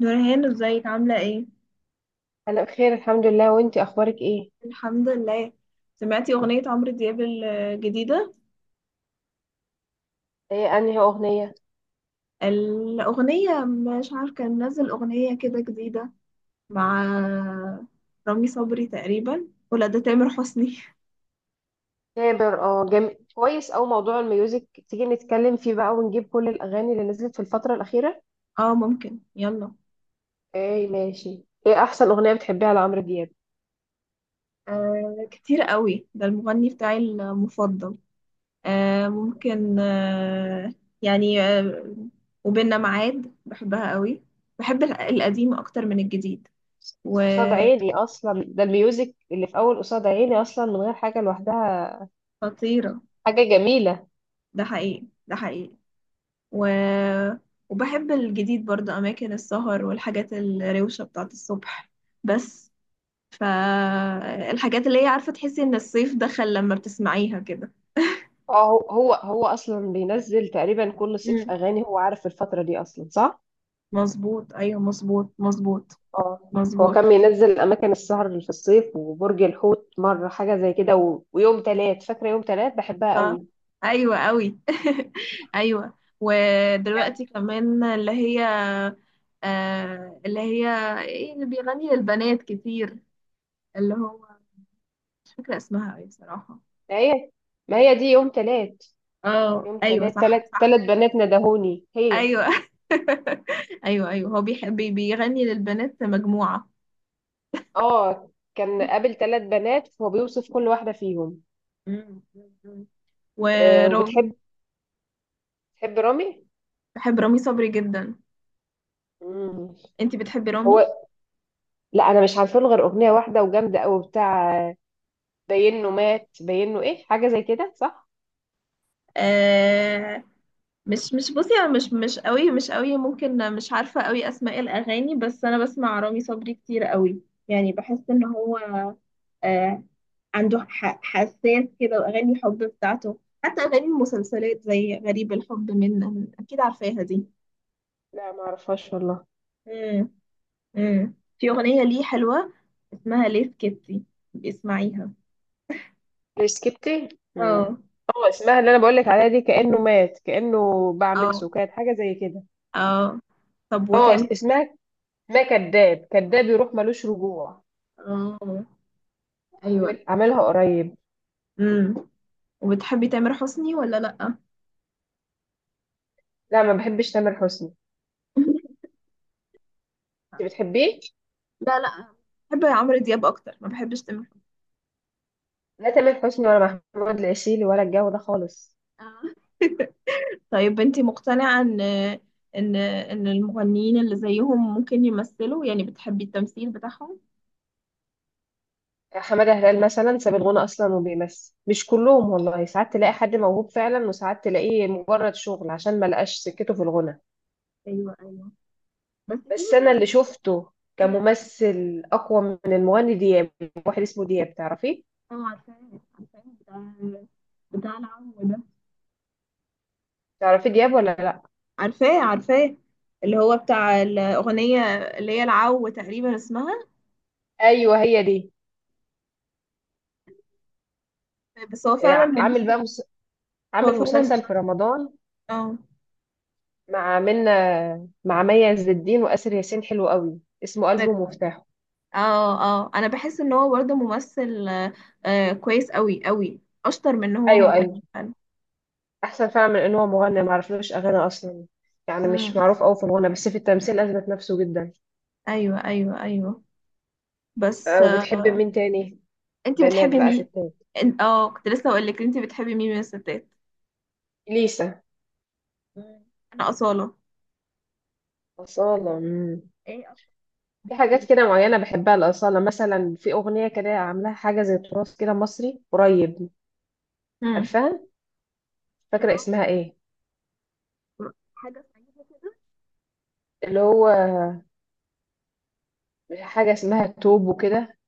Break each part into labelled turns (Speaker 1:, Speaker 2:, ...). Speaker 1: نورهان ازيك عاملة ايه؟
Speaker 2: انا بخير الحمد لله، وانتي اخبارك ايه؟
Speaker 1: الحمد لله. سمعتي أغنية عمرو دياب الجديدة؟
Speaker 2: ايه؟ انهي اغنيه؟
Speaker 1: الأغنية مش عارفة، كان نزل أغنية كده جديدة مع رامي صبري تقريبا، ولا ده تامر حسني؟
Speaker 2: كابر، جميل كويس. او موضوع الميوزك تيجي نتكلم فيه بقى ونجيب كل الاغاني اللي نزلت في الفتره الاخيره.
Speaker 1: اه ممكن يلا.
Speaker 2: ايه ماشي. ايه احسن اغنيه بتحبيها لعمرو دياب؟
Speaker 1: آه كتير قوي، ده المغني بتاعي المفضل. آه ممكن آه. يعني آه. وبيننا ميعاد بحبها قوي. بحب القديم أكتر من الجديد.
Speaker 2: قصاد
Speaker 1: وخطيرة.
Speaker 2: عيني اصلا، ده الميوزك اللي في اول قصاد عيني اصلا من غير حاجه لوحدها. حاجه جميله.
Speaker 1: ده حقيقي ده حقيقي. و... وبحب الجديد برضه أماكن السهر والحاجات الروشة بتاعت الصبح، بس. فالحاجات اللي هي عارفة تحسي إن الصيف دخل لما بتسمعيها كده.
Speaker 2: اه. هو اصلا بينزل تقريبا كل صيف
Speaker 1: مم.
Speaker 2: اغاني، هو عارف الفتره دي اصلا صح؟
Speaker 1: مظبوط، أيوة مظبوط مظبوط.
Speaker 2: اه. هو
Speaker 1: مظبوط.
Speaker 2: كان بينزل اماكن السهر اللي في الصيف وبرج الحوت مره، حاجه زي كده ويوم تلات. فاكره يوم تلات؟ بحبها
Speaker 1: صح.
Speaker 2: قوي.
Speaker 1: أيوة أوي. أيوة
Speaker 2: يعني.
Speaker 1: ودلوقتي كمان اللي هي. آه اللي هي. إيه اللي بيغني للبنات كتير. اللي هو. مش فاكرة اسمها أوي بصراحة.
Speaker 2: ما هي ما هي دي يوم تلات.
Speaker 1: اه
Speaker 2: يوم
Speaker 1: ايوه
Speaker 2: تلات،
Speaker 1: صح
Speaker 2: تلات
Speaker 1: صح.
Speaker 2: تلات بنات ندهوني هي.
Speaker 1: ايوه ايوه ايوه، هو بيحب بيغني للبنات مجموعة.
Speaker 2: اه، كان قابل تلات بنات، هو بيوصف كل واحده فيهم.
Speaker 1: مم. مم.
Speaker 2: آه.
Speaker 1: ورامي.
Speaker 2: تحب رامي؟
Speaker 1: بحب رامي صبري جدا.
Speaker 2: مم.
Speaker 1: انتي بتحبي
Speaker 2: هو.
Speaker 1: رامي؟
Speaker 2: لا، انا مش عارفه له غير اغنيه واحده وجامده قوي بتاع. باين انه مات، باين انه ايه، حاجه زي كده صح؟
Speaker 1: آه، مش بصي، انا مش قوي، مش قوي، ممكن مش عارفة قوي اسماء الاغاني، بس انا بسمع رامي صبري كتير قوي. يعني بحس ان هو، آه عنده حساس كده، واغاني الحب بتاعته حتى اغاني المسلسلات زي غريب الحب، منه اكيد عارفاها دي.
Speaker 2: لا، ما اعرفهاش والله.
Speaker 1: مم. امم في أغنية ليه حلوة اسمها ليه سكتي، اسمعيها.
Speaker 2: ريسكبتي. امم.
Speaker 1: اه
Speaker 2: اه، اسمها اللي انا بقولك عليها دي، كأنه مات كأنه باع من
Speaker 1: اه
Speaker 2: سكات، حاجة زي كده.
Speaker 1: اه. طب
Speaker 2: اه.
Speaker 1: وتامر.
Speaker 2: اسمها ما كذاب كذاب يروح ملوش رجوع.
Speaker 1: اه ايوه.
Speaker 2: عاملها قريب.
Speaker 1: امم وبتحبي تامر حسني ولا لأ؟
Speaker 2: لا، ما بحبش تامر حسني. انت بتحبيه؟
Speaker 1: لا لا، بحب عمرو دياب اكتر، ما بحبش تامر حسني.
Speaker 2: لا، تامر حسني ولا محمود العسيلي ولا الجو ده خالص.
Speaker 1: آه. طيب انتي مقتنعة ان المغنيين اللي زيهم ممكن يمثلوا، يعني بتحبي التمثيل بتاعهم؟
Speaker 2: حمادة هلال مثلا ساب الغنى اصلا وبيمثل. مش كلهم والله، ساعات تلاقي حد موهوب فعلا وساعات تلاقيه مجرد شغل عشان ما لقاش سكته في الغنى.
Speaker 1: ايوه ايوه، بس في
Speaker 2: بس انا
Speaker 1: منهم.
Speaker 2: اللي شفته كممثل اقوى من المغني دياب. واحد اسمه دياب، تعرفيه؟
Speaker 1: اه عارفاه عارفاه، بتاع العم ده.
Speaker 2: تعرفي دياب ولا لا؟
Speaker 1: عارفاه عارفاه، اللي هو بتاع الأغنية اللي هي العو تقريبا اسمها.
Speaker 2: ايوه، هي دي.
Speaker 1: بس هو
Speaker 2: إيه،
Speaker 1: فعلا
Speaker 2: عامل بقى
Speaker 1: ممثل. هو
Speaker 2: عامل
Speaker 1: فعلا.
Speaker 2: مسلسل في رمضان.
Speaker 1: اه
Speaker 2: مع منة. مع مي عز الدين واسر ياسين، حلو قوي، اسمه قلبه ومفتاحه.
Speaker 1: اه اه، انا بحس ان هو برضه ممثل آه. آه، كويس قوي قوي، اشطر من ان هو
Speaker 2: ايوه، ايوه.
Speaker 1: مغني فعلا.
Speaker 2: احسن فعلا من ان هو مغني، ما اعرفلوش اغاني اصلا. يعني مش
Speaker 1: امم
Speaker 2: معروف قوي في الغنى، بس في التمثيل اثبت نفسه جدا.
Speaker 1: ايوه ايوه ايوه. بس
Speaker 2: آه،
Speaker 1: آه.
Speaker 2: وبتحب مين تاني؟
Speaker 1: انتي
Speaker 2: بنات
Speaker 1: بتحبي
Speaker 2: بقى
Speaker 1: مين؟
Speaker 2: ستات؟
Speaker 1: اه، كنت لسه اقول لك، انتي بتحبي مين من الستات؟
Speaker 2: ليسا.
Speaker 1: مم. انا أصالة.
Speaker 2: أصالة. مم.
Speaker 1: ايه اكتر؟
Speaker 2: في
Speaker 1: بيها ايه؟
Speaker 2: حاجات كده معينة بحبها لأصالة، مثلا في أغنية كده عاملاها حاجة زي تراث كده مصري قريب.
Speaker 1: امم
Speaker 2: عارفاها؟ مش فاكرة
Speaker 1: بصراحة
Speaker 2: اسمها ايه.
Speaker 1: حاجة سعيدة كده.
Speaker 2: اللي هو حاجة اسمها توب وكده،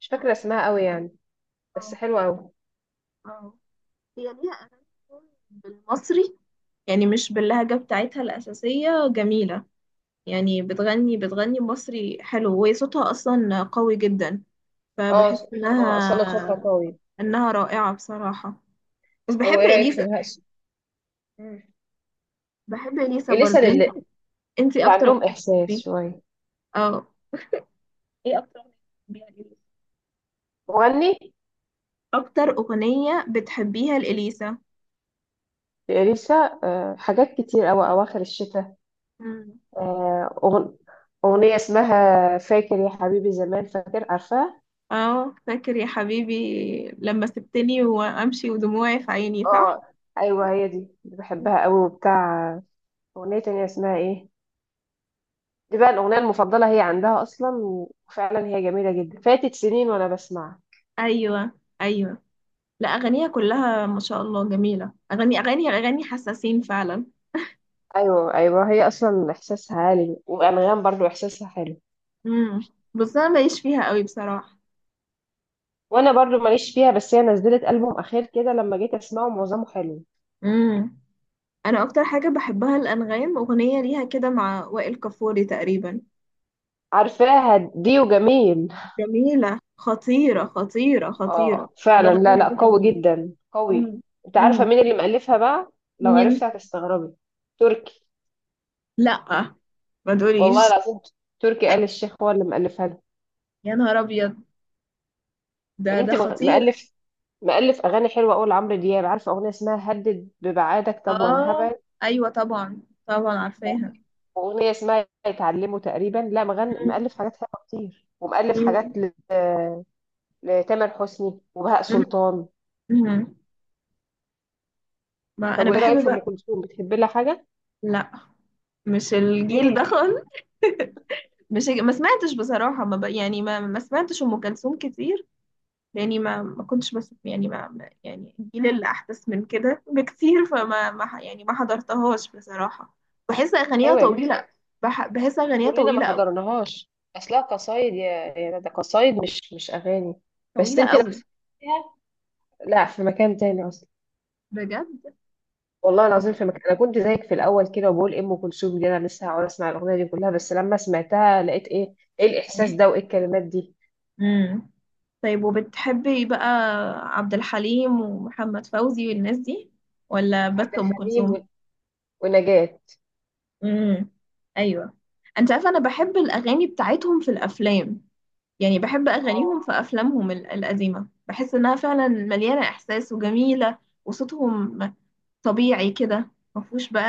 Speaker 2: مش فاكرة اسمها قوي يعني. بس
Speaker 1: اه
Speaker 2: حلوة قوي.
Speaker 1: اه. هي ليها أغاني كتير بالمصري، يعني مش باللهجة بتاعتها الأساسية، جميلة. يعني بتغني بتغني مصري حلو، وهي صوتها أصلا قوي جدا. فبحس
Speaker 2: اه، اه. أصالة صوتها
Speaker 1: إنها
Speaker 2: قوي.
Speaker 1: إنها رائعة بصراحة. بس بحب
Speaker 2: أو ايه رأيك في
Speaker 1: إليسا.
Speaker 2: بهاء؟ مم.
Speaker 1: بحب إليسا
Speaker 2: إليسا
Speaker 1: برضه انت.
Speaker 2: اللي،
Speaker 1: انت
Speaker 2: اللي
Speaker 1: أكتر أغنية
Speaker 2: عندهم إحساس
Speaker 1: بتحبيها؟
Speaker 2: شوية.
Speaker 1: اه، ايه أكتر أغنية بتحبيها لإليسا.
Speaker 2: مغني.
Speaker 1: أكتر أغنية بتحبيها لإليسا.
Speaker 2: لإليسا. آه، حاجات كتير أوي، أواخر الشتاء.
Speaker 1: مم.
Speaker 2: آه، أغنية اسمها فاكر يا حبيبي زمان، فاكر، عارفاها؟
Speaker 1: اه فاكر يا حبيبي، لما سبتني وأمشي ودموعي في عيني صح؟
Speaker 2: اه، ايوه هي دي. دي بحبها قوي وبتاع. اغنيه تانية اسمها ايه، دي بقى الاغنيه المفضله هي عندها اصلا. وفعلا هي جميله جدا، فاتت سنين وانا بسمعها.
Speaker 1: ايوه ايوه. لا، اغانيها كلها ما شاء الله جميله، اغاني اغاني اغاني حساسين فعلا.
Speaker 2: ايوه، ايوه. هي اصلا احساسها عالي، وانغام برضو احساسها حلو.
Speaker 1: امم بس انا ماليش فيها قوي بصراحه.
Speaker 2: وانا برضو ماليش فيها، بس هي نزلت البوم اخير كده لما جيت اسمعه معظمه حلو.
Speaker 1: امم انا اكتر حاجه بحبها الانغام، اغنيه ليها كده مع وائل كفوري تقريبا.
Speaker 2: عارفاها دي، وجميل.
Speaker 1: جميله خطيره خطيره خطيره.
Speaker 2: اه فعلا، لا
Speaker 1: الاغنيه
Speaker 2: لا،
Speaker 1: دي
Speaker 2: قوي
Speaker 1: جميله.
Speaker 2: جدا قوي.
Speaker 1: امم
Speaker 2: انت عارفه
Speaker 1: امم
Speaker 2: مين اللي مألفها بقى؟ لو
Speaker 1: مين؟
Speaker 2: عرفت هتستغربي. تركي.
Speaker 1: لا، ما
Speaker 2: والله
Speaker 1: تقوليش.
Speaker 2: العظيم. تركي آل الشيخ هو اللي مألفها له.
Speaker 1: يا نهار ابيض، ده
Speaker 2: يعني
Speaker 1: ده
Speaker 2: انت.
Speaker 1: خطير.
Speaker 2: مألف مألف أغاني حلوة أوي لعمرو دياب. عارفة أغنية اسمها هدد ببعادك، طب وأنا
Speaker 1: اه
Speaker 2: هبعد؟
Speaker 1: ايوه طبعا طبعا عارفاها.
Speaker 2: وأغنية اسمها يتعلموا تقريبا. لا، مغني
Speaker 1: مم.
Speaker 2: مألف حاجات حلوة كتير، ومألف
Speaker 1: مم.
Speaker 2: حاجات لتامر حسني وبهاء سلطان.
Speaker 1: امم ما
Speaker 2: طب
Speaker 1: انا
Speaker 2: وإيه رأيك
Speaker 1: بحب
Speaker 2: في أم
Speaker 1: بقى.
Speaker 2: كلثوم، بتحبي لها حاجة؟
Speaker 1: لا، مش الجيل
Speaker 2: إيه؟
Speaker 1: ده خالص. مش ما سمعتش بصراحة، ما ب... يعني ما سمعتش أم كلثوم كتير. لأني ما كنتش، بس يعني يعني الجيل اللي أحدث من كده بكتير، فما ما ح- يعني ما حضرتهاش بصراحة. بحس أغانيها
Speaker 2: أيوة يا بنتي.
Speaker 1: طويلة. بحس أغانيها
Speaker 2: كلنا ما
Speaker 1: طويلة أوي.
Speaker 2: حضرناهاش. أصلها قصايد، يا ده قصايد مش أغاني. بس
Speaker 1: طويلة
Speaker 2: أنت لو
Speaker 1: أوي.
Speaker 2: سمعتيها. لا، في مكان تاني أصلا.
Speaker 1: بجد.
Speaker 2: والله
Speaker 1: طب.
Speaker 2: العظيم في مكان. انا كنت زيك في الاول كده وبقول إيه، ام كلثوم دي انا لسه هقعد اسمع الاغنيه دي كلها؟ بس لما سمعتها لقيت ايه. ايه الاحساس ده وايه الكلمات دي؟
Speaker 1: امم طيب وبتحبي بقى عبد الحليم ومحمد فوزي والناس دي، ولا
Speaker 2: عبد
Speaker 1: بس أم
Speaker 2: الحليم
Speaker 1: كلثوم؟
Speaker 2: ونجاة.
Speaker 1: امم ايوه. انت عارفه، انا بحب الاغاني بتاعتهم في الافلام. يعني بحب
Speaker 2: اه،
Speaker 1: اغانيهم في افلامهم القديمه، بحس انها فعلا مليانه احساس وجميله. وصوتهم طبيعي كده، ما فيهوش بقى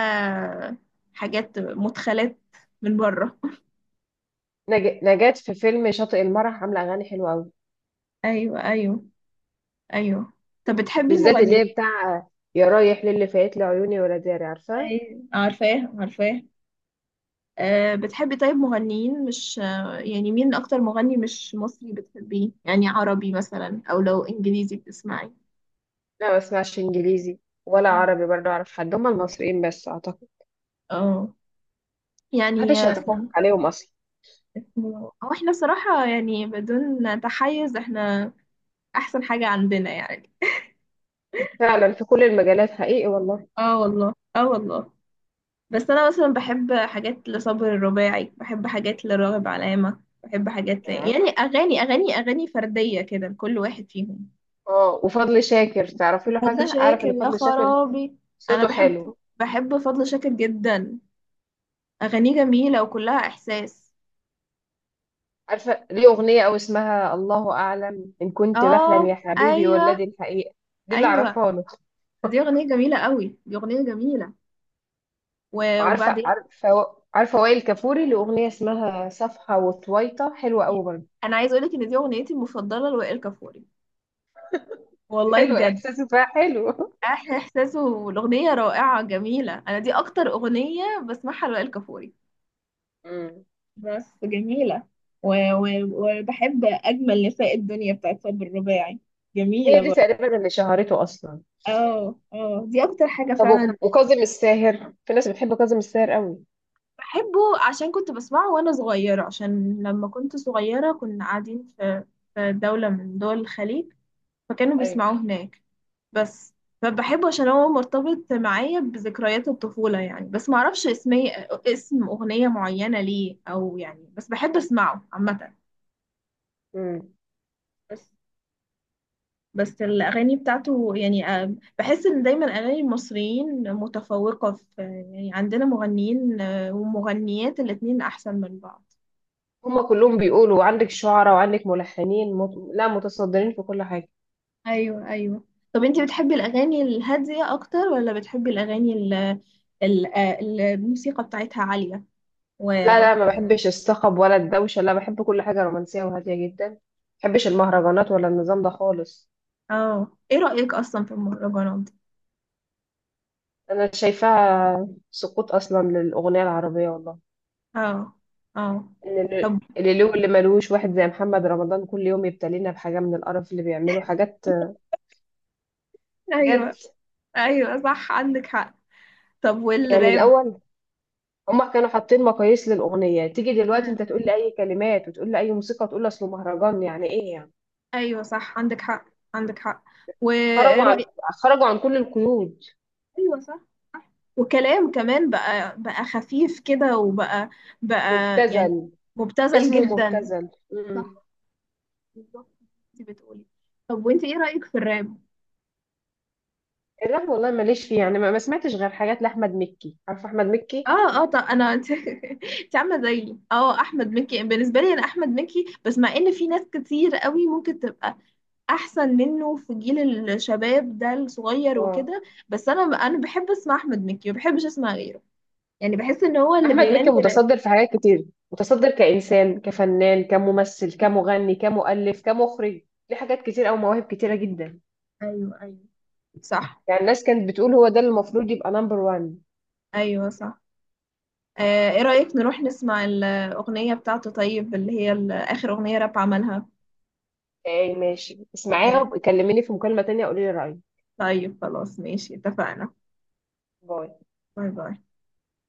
Speaker 1: حاجات مدخلات من بره.
Speaker 2: نجاة في فيلم شاطئ المرح عامله اغاني حلوه قوي.
Speaker 1: ايوه ايوه ايوه. طب بتحبي
Speaker 2: بالذات اللي
Speaker 1: مغنيين.
Speaker 2: هي بتاع يا رايح للي فايت لي عيوني ولا داري، عارفه؟
Speaker 1: ايوه عارفاه عارفاه. أه بتحبي طيب مغنيين مش، يعني مين اكتر مغني مش مصري بتحبيه، يعني عربي مثلا، او لو انجليزي بتسمعي.
Speaker 2: لا، ما اسمعش انجليزي ولا عربي برضه، اعرف حد؟ هم المصريين بس اعتقد،
Speaker 1: اه
Speaker 2: محدش
Speaker 1: يعني
Speaker 2: هيتفوق عليهم اصلا.
Speaker 1: اسمه هو، احنا بصراحة يعني بدون تحيز، احنا احسن حاجة عندنا يعني.
Speaker 2: فعلا في كل المجالات حقيقي والله.
Speaker 1: اه والله اه والله. بس انا مثلا بحب حاجات لصابر الرباعي، بحب حاجات لراغب علامة، بحب حاجات
Speaker 2: ياه.
Speaker 1: يعني اغاني اغاني اغاني فردية كده لكل واحد فيهم.
Speaker 2: اه، وفضل شاكر تعرفي له
Speaker 1: فضل
Speaker 2: حاجه؟ اعرف
Speaker 1: شاكر
Speaker 2: ان
Speaker 1: يا
Speaker 2: فضل شاكر
Speaker 1: خرابي. انا
Speaker 2: صوته
Speaker 1: بحب،
Speaker 2: حلو.
Speaker 1: فضل شاكر جدا، اغانيه جميلة وكلها احساس.
Speaker 2: عارفة ليه أغنية، أو اسمها الله أعلم إن كنت بحلم
Speaker 1: اه
Speaker 2: يا حبيبي ولا
Speaker 1: ايوه
Speaker 2: دي الحقيقة. دي اللي
Speaker 1: ايوه.
Speaker 2: أعرفها له.
Speaker 1: دي اغنية جميلة قوي، دي اغنية جميلة.
Speaker 2: وعارفة
Speaker 1: وبعدين
Speaker 2: عارفة عارفة وائل كفوري له أغنية اسمها صفحة وطويطة، حلوة أوي برضه.
Speaker 1: انا عايز اقولك ان دي اغنيتي المفضله لوائل كفوري، والله
Speaker 2: حلو،
Speaker 1: بجد.
Speaker 2: إحساسه فيها حلو.
Speaker 1: احلى احساس، والاغنيه رائعه جميله، انا دي اكتر اغنيه بسمعها لوائل كفوري.
Speaker 2: مم.
Speaker 1: بس جميلة. وبحب أجمل نساء الدنيا بتاعت صبر الرباعي،
Speaker 2: هي
Speaker 1: جميلة
Speaker 2: دي
Speaker 1: برضه.
Speaker 2: تقريبا اللي شهرته أصلا.
Speaker 1: اه اه، دي اكتر حاجه
Speaker 2: طب
Speaker 1: فعلا.
Speaker 2: وكاظم الساهر، في ناس بتحب كاظم الساهر قوي.
Speaker 1: بحبه عشان كنت بسمعه وانا صغيره، عشان لما كنت صغيره كنا قاعدين في في دوله من دول الخليج، فكانوا
Speaker 2: أيوة.
Speaker 1: بيسمعوه هناك. بس. فبحبه عشان هو مرتبط معايا بذكريات الطفولة يعني، بس معرفش اسمي، اسم أغنية معينة ليه، أو يعني بس بحب أسمعه عامة.
Speaker 2: مم.
Speaker 1: بس. بس الأغاني بتاعته يعني، بحس إن دايما أغاني المصريين متفوقة في، يعني عندنا مغنيين، ومغنيات، الاتنين أحسن من بعض.
Speaker 2: هما كلهم بيقولوا عندك شعراء وعندك ملحنين لا متصدرين في كل حاجة.
Speaker 1: ايوه ايوه. طب انتي بتحبي الأغاني الهادية أكتر، ولا بتحبي الأغاني الموسيقى بتاعتها عالية
Speaker 2: لا،
Speaker 1: و-
Speaker 2: لا، ما بحبش الصخب ولا الدوشة. لا، بحب كل حاجة رومانسية وهادية جدا، ما بحبش المهرجانات ولا النظام ده خالص.
Speaker 1: اه، ايه رأيك اصلا في المهرجانات دي؟
Speaker 2: أنا شايفاها سقوط أصلا للأغنية العربية والله.
Speaker 1: اه اه
Speaker 2: إن
Speaker 1: طب.
Speaker 2: اللي له، اللي ملوش، واحد زي محمد رمضان كل يوم يبتلينا بحاجة من القرف اللي بيعمله حاجات. بجد.
Speaker 1: ايوه ايوه صح، عندك حق. طب
Speaker 2: يعني
Speaker 1: والراب.
Speaker 2: الأول هما كانوا حاطين مقاييس للأغنية، تيجي دلوقتي
Speaker 1: مم.
Speaker 2: أنت تقول لي أي كلمات وتقول لي أي موسيقى وتقول لي أصله مهرجان، يعني إيه يعني؟
Speaker 1: ايوه صح عندك حق. عندك حق. وايه
Speaker 2: خرجوا عن
Speaker 1: رأيك.
Speaker 2: خرجوا عن كل القيود.
Speaker 1: ايوه صح. صح. وكلام كمان بقى، خفيف كده، وبقى بقى يعني
Speaker 2: مبتذل.
Speaker 1: مبتذل
Speaker 2: اسمه
Speaker 1: جدا.
Speaker 2: مبتذل.
Speaker 1: صح، بالظبط. انت بتقولي. طب وانت ايه رأيك في الراب؟
Speaker 2: الراب والله ماليش فيه، يعني ما سمعتش غير حاجات لاحمد مكي. عارف احمد مكي؟
Speaker 1: اه اه طب انا، انت عامله زيي. اه، احمد مكي بالنسبه لي، انا احمد مكي، بس مع ان في ناس كتير قوي ممكن تبقى احسن منه في جيل الشباب ده الصغير
Speaker 2: اه.
Speaker 1: وكده. بس انا بحب اسمع احمد مكي، ما بحبش اسمع غيره، يعني بحس ان هو اللي
Speaker 2: احمد مكي
Speaker 1: بيغني راب.
Speaker 2: متصدر في حاجات كتير، متصدر كانسان كفنان كممثل كمغني كمؤلف كمخرج. ليه حاجات كتير او مواهب كتيره جدا.
Speaker 1: ايوه ايوه صح.
Speaker 2: يعني الناس كانت بتقول هو ده اللي المفروض يبقى نمبر وان.
Speaker 1: ايوه صح. آه، ايه رايك نروح نسمع الاغنيه بتاعته، طيب اللي هي اخر اغنيه راب عملها.
Speaker 2: ايه ماشي، اسمعيها
Speaker 1: ماشي.
Speaker 2: وكلميني في مكالمه تانية قولي لي رايك.
Speaker 1: طيب خلاص، ماشي اتفقنا.
Speaker 2: باي.
Speaker 1: باي. باي